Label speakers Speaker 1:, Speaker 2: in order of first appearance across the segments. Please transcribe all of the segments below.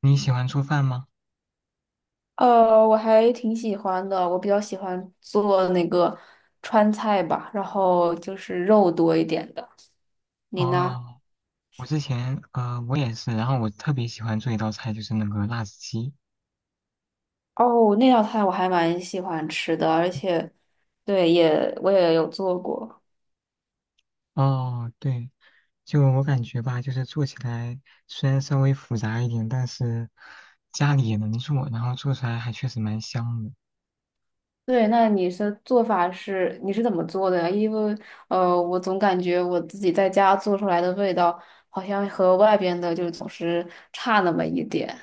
Speaker 1: 你喜欢做饭吗？
Speaker 2: 我还挺喜欢的，我比较喜欢做那个川菜吧，然后就是肉多一点的。你呢？
Speaker 1: 哦，我之前我也是，然后我特别喜欢做一道菜，就是那个辣子鸡。
Speaker 2: 哦，那道菜我还蛮喜欢吃的，而且，对，我也有做过。
Speaker 1: 哦，对，就我感觉吧，就是做起来虽然稍微复杂一点，但是家里也能做，然后做出来还确实蛮香的。
Speaker 2: 对，那你是怎么做的呀？因为我总感觉我自己在家做出来的味道好像和外边的就总是差那么一点。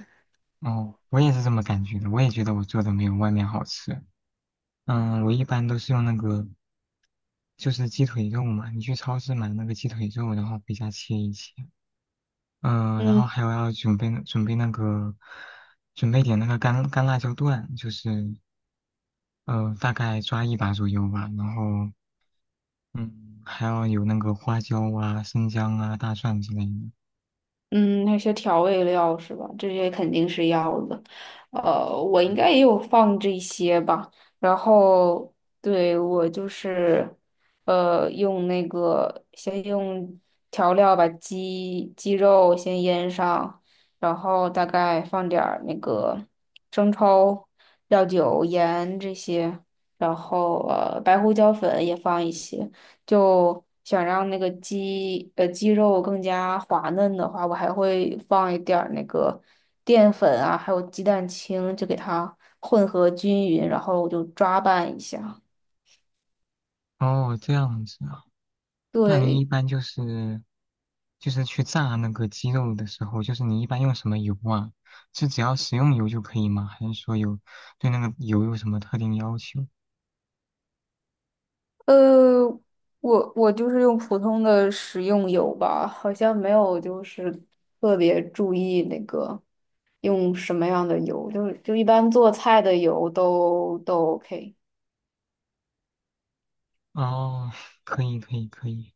Speaker 1: 哦，我也是这么感觉的，我也觉得我做的没有外面好吃。嗯，我一般都是用那个就是鸡腿肉嘛，你去超市买那个鸡腿肉，然后回家切一切。嗯，然
Speaker 2: 嗯。
Speaker 1: 后还有要准备那个，准备点那个干辣椒段，就是大概抓一把左右吧。然后嗯，还要有那个花椒啊、生姜啊、大蒜之类的。
Speaker 2: 嗯，那些调味料是吧？这些肯定是要的。我应该也有放这些吧。然后，对，我就是，用那个先用调料把鸡肉先腌上，然后大概放点儿那个生抽、料酒、盐这些，然后白胡椒粉也放一些。就想让那个鸡肉更加滑嫩的话，我还会放一点儿那个淀粉啊，还有鸡蛋清，就给它混合均匀，然后我就抓拌一下。
Speaker 1: 哦，这样子啊，那你一
Speaker 2: 对，
Speaker 1: 般就是去炸那个鸡肉的时候，就是你一般用什么油啊？是只要食用油就可以吗？还是说有对那个油有什么特定要求？
Speaker 2: 呃，我就是用普通的食用油吧，好像没有就是特别注意那个用什么样的油，就是一般做菜的油都 OK。
Speaker 1: 哦，可以可以可以，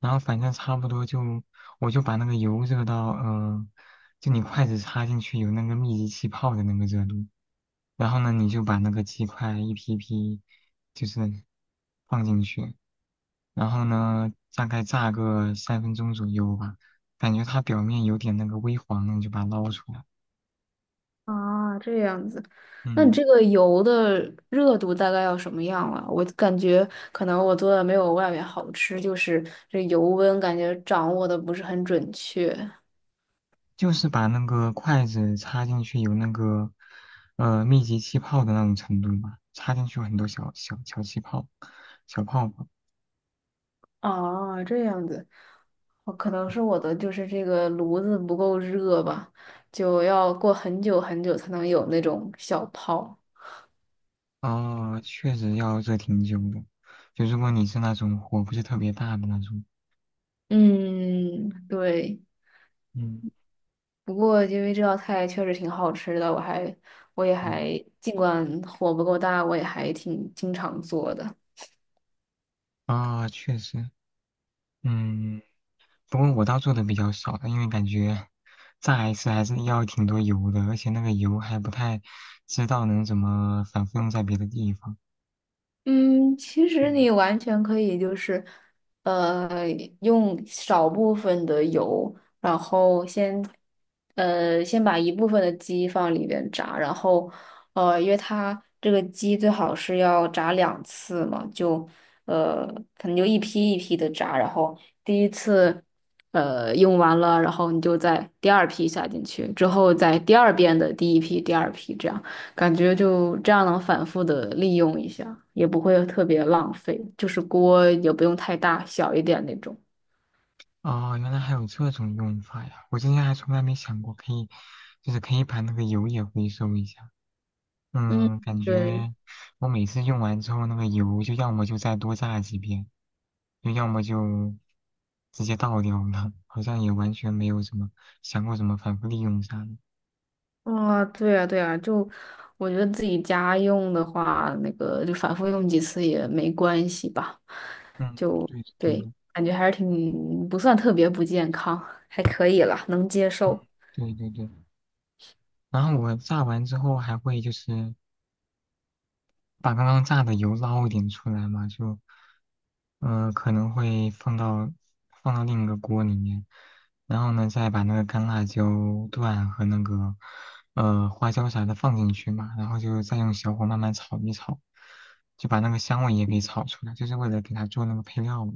Speaker 1: 然后反正差不多就，我就把那个油热到，就你筷子插进去有那个密集气泡的那个热度，然后呢，你就把那个鸡块一批批，就是放进去，然后呢，大概炸个3分钟左右吧，感觉它表面有点那个微黄了，你就把它捞出来。
Speaker 2: 啊，这样子，那你
Speaker 1: 嗯，
Speaker 2: 这个油的热度大概要什么样啊？我感觉可能我做的没有外面好吃，就是这油温感觉掌握的不是很准确。
Speaker 1: 就是把那个筷子插进去有那个，密集气泡的那种程度吧，插进去有很多小气泡，小泡泡。
Speaker 2: 啊，这样子，哦可能
Speaker 1: 嗯。
Speaker 2: 是我的就是这个炉子不够热吧，就要过很久很久才能有那种小泡。
Speaker 1: 哦，确实要热挺久的，就如果你是那种火不是特别大的那种，
Speaker 2: 嗯，对。
Speaker 1: 嗯。
Speaker 2: 不过因为这道菜确实挺好吃的，我也还
Speaker 1: 嗯，
Speaker 2: 尽管火不够大，我也还挺经常做的。
Speaker 1: 啊、确实，嗯，不过我倒做的比较少的，因为感觉炸一次还是要挺多油的，而且那个油还不太知道能怎么反复用在别的地方。
Speaker 2: 嗯，其实
Speaker 1: 嗯。
Speaker 2: 你完全可以就是，呃，用少部分的油，然后先，先把一部分的鸡放里边炸，然后，因为它这个鸡最好是要炸两次嘛，就，呃，可能就一批一批的炸，然后第一次，用完了，然后你就在第二批下进去，之后在第二遍的第一批、第二批这样。感觉就这样能反复的利用一下，也不会特别浪费，就是锅也不用太大，小一点那种。
Speaker 1: 哦，原来还有这种用法呀！我之前还从来没想过可以，就是可以把那个油也回收一下。嗯，
Speaker 2: 嗯，
Speaker 1: 感
Speaker 2: 对，
Speaker 1: 觉我每次用完之后，那个油就要么就再多炸几遍，就要么就直接倒掉了，好像也完全没有什么想过怎么反复利用啥的。
Speaker 2: 啊，对啊对啊就我觉得自己家用的话，那个就反复用几次也没关系吧。
Speaker 1: 嗯，
Speaker 2: 就
Speaker 1: 对的，对
Speaker 2: 对，
Speaker 1: 的，
Speaker 2: 感觉还是挺不算特别不健康，还可以了，能接
Speaker 1: 嗯，
Speaker 2: 受。
Speaker 1: 对对对。然后我炸完之后还会就是。把刚刚炸的油捞一点出来嘛，就，可能会放到另一个锅里面，然后呢，再把那个干辣椒段和那个花椒啥的放进去嘛，然后就再用小火慢慢炒一炒，就把那个香味也给炒出来，就是为了给它做那个配料嘛，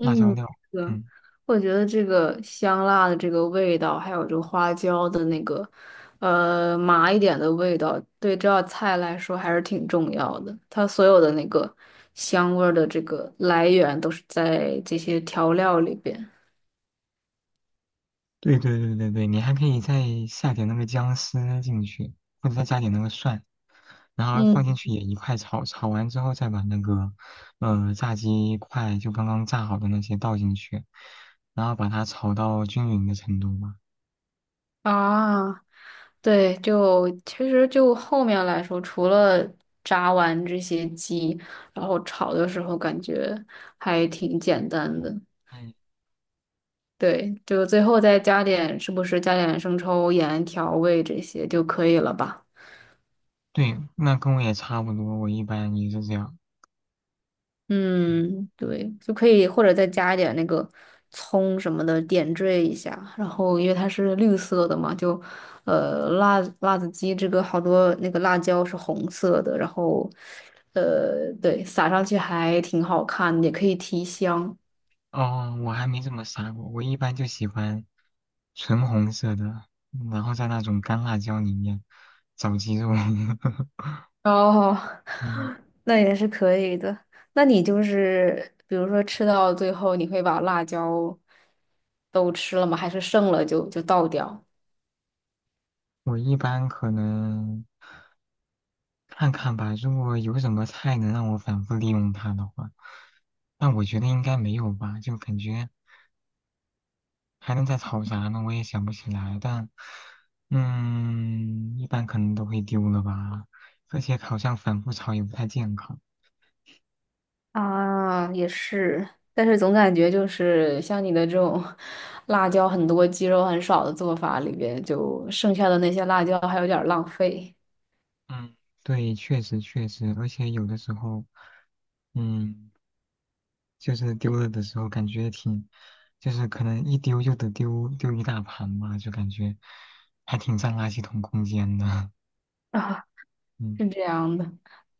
Speaker 1: 辣椒料。
Speaker 2: 是的，
Speaker 1: 嗯。
Speaker 2: 我觉得这个香辣的这个味道，还有这个花椒的那个，麻一点的味道，对这道菜来说还是挺重要的。它所有的那个香味儿的这个来源都是在这些调料里边。
Speaker 1: 对对对对对，你还可以再下点那个姜丝进去，或者再加点那个蒜，然后放
Speaker 2: 嗯
Speaker 1: 进去也一块炒，炒完之后再把那个炸鸡块就刚刚炸好的那些倒进去，然后把它炒到均匀的程度嘛。
Speaker 2: 啊，对，就其实就后面来说，除了炸完这些鸡，然后炒的时候感觉还挺简单的。
Speaker 1: 嗯，
Speaker 2: 对，就最后再加点，是不是加点生抽、盐、调味这些就可以了吧？
Speaker 1: 对，那跟我也差不多，我一般也是这样。嗯，
Speaker 2: 嗯，对，就可以，或者再加一点那个葱什么的点缀一下。然后，因为它是绿色的嘛，就辣子鸡这个好多那个辣椒是红色的，然后对，撒上去还挺好看的也可以提香。
Speaker 1: 哦，我还没怎么撒过，我一般就喜欢纯红色的，然后在那种干辣椒里面找鸡肉。
Speaker 2: 哦。
Speaker 1: 嗯。
Speaker 2: 那也是可以的。那你就是比如说吃到最后，你会把辣椒都吃了吗？还是剩了就倒掉？
Speaker 1: 我一般可能看看吧，如果有什么菜能让我反复利用它的话，但我觉得应该没有吧，就感觉还能再炒啥呢？我也想不起来，但嗯，一般可能都会丢了吧，而且好像反复炒也不太健康。
Speaker 2: 啊，也是，但是总感觉就是像你的这种 辣椒很多、鸡肉很少的做法里边，就剩下的那些辣椒还有点儿浪费
Speaker 1: 嗯，对，确实确实，而且有的时候，嗯。就是丢了的时候感觉挺，就是可能一丢就得丢一大盘吧，就感觉还挺占垃圾桶空间的。
Speaker 2: 啊，
Speaker 1: 嗯。
Speaker 2: 是这样的。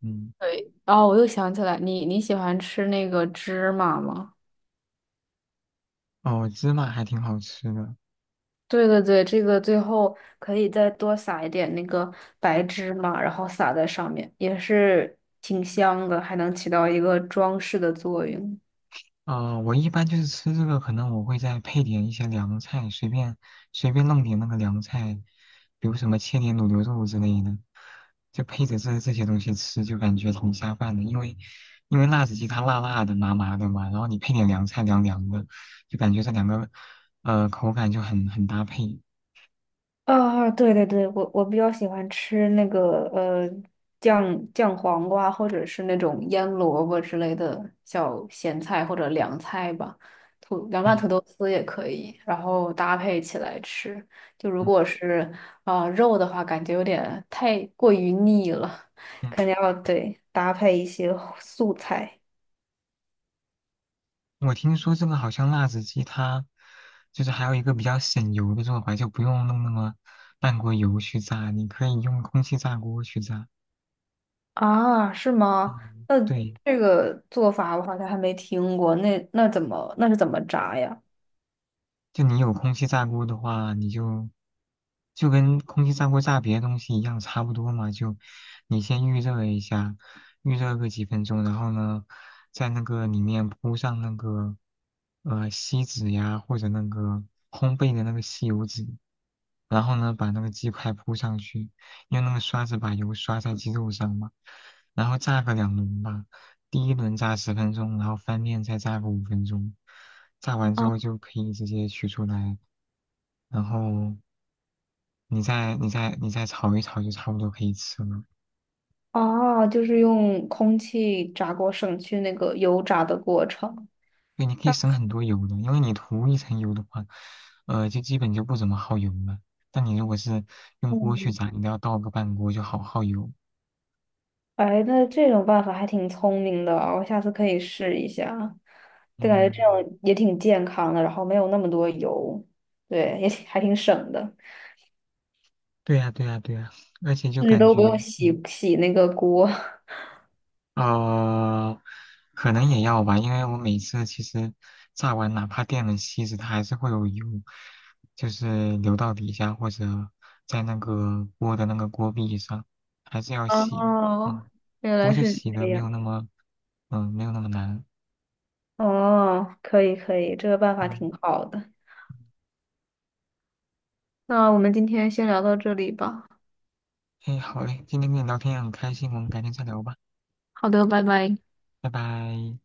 Speaker 1: 嗯，
Speaker 2: 对，哦，我又想起来，你喜欢吃那个芝麻吗？
Speaker 1: 哦，芝麻还挺好吃的，
Speaker 2: 对对对，这个最后可以再多撒一点那个白芝麻，然后撒在上面，也是挺香的，还能起到一个装饰的作用。
Speaker 1: 我一般就是吃这个，可能我会再配点一些凉菜，随便弄点那个凉菜，比如什么切点卤牛肉之类的，就配着这些东西吃，就感觉挺下饭的。因为辣子鸡它辣辣的、麻麻的嘛，然后你配点凉菜凉凉的，就感觉这两个口感就很搭配。
Speaker 2: 啊，对对对，我比较喜欢吃那个酱酱黄瓜，或者是那种腌萝卜之类的小咸菜或者凉菜吧，凉拌
Speaker 1: 嗯。
Speaker 2: 土豆丝也可以，然后搭配起来吃。就如
Speaker 1: 嗯
Speaker 2: 果是肉的话，感觉有点太过于腻了，
Speaker 1: 嗯。
Speaker 2: 肯定要对搭配一些素菜
Speaker 1: 我听说这个好像辣子鸡它就是还有一个比较省油的做法，就不用弄那么半锅油去炸，你可以用空气炸锅去炸。
Speaker 2: 啊，是吗？
Speaker 1: 嗯，
Speaker 2: 那
Speaker 1: 对。
Speaker 2: 这个做法我好像还没听过，那是怎么炸呀？
Speaker 1: 就你有空气炸锅的话，你就就跟空气炸锅炸别的东西一样，差不多嘛。就你先预热一下，预热个几分钟，然后呢，在那个里面铺上那个锡纸呀，或者那个烘焙的那个吸油纸，然后呢，把那个鸡块铺上去，用那个刷子把油刷在鸡肉上嘛，然后炸个两轮吧。第一轮炸10分钟，然后翻面再炸个5分钟，炸完之
Speaker 2: 啊。
Speaker 1: 后就可以直接取出来，然后你再炒一炒就差不多可以吃了。
Speaker 2: 哦，就是用空气炸锅省去那个油炸的过程。
Speaker 1: 对，你可以
Speaker 2: 那
Speaker 1: 省很多油的，因为你涂一层油的话，就基本就不怎么耗油了。但你如果是用锅去
Speaker 2: 嗯，
Speaker 1: 炸，你都要倒个半锅，就好耗油。
Speaker 2: 哎，那这种办法还挺聪明的啊我下次可以试一下。对，感觉这样
Speaker 1: 嗯，
Speaker 2: 也挺健康的，然后没有那么多油，对，还挺省的，
Speaker 1: 对呀，对呀，对呀，而且就
Speaker 2: 甚至
Speaker 1: 感
Speaker 2: 都不
Speaker 1: 觉，
Speaker 2: 用
Speaker 1: 嗯。
Speaker 2: 洗洗那个锅。
Speaker 1: 呃，可能也要吧，因为我每次其实炸完，哪怕电了锡纸，它还是会有油，就是流到底下或者在那个锅的那个锅壁上，还是要洗的。
Speaker 2: 哦，
Speaker 1: 嗯，
Speaker 2: 原
Speaker 1: 不过
Speaker 2: 来
Speaker 1: 就
Speaker 2: 是
Speaker 1: 洗的
Speaker 2: 这
Speaker 1: 没有
Speaker 2: 样。
Speaker 1: 那么，嗯，没有那么难。
Speaker 2: 哦，可以可以，这个办法
Speaker 1: 嗯，
Speaker 2: 挺好的。那我们今天先聊到这里吧。
Speaker 1: 哎，好嘞，今天跟你聊天也很开心，我们改天再聊吧，
Speaker 2: 好的，拜拜。
Speaker 1: 拜拜。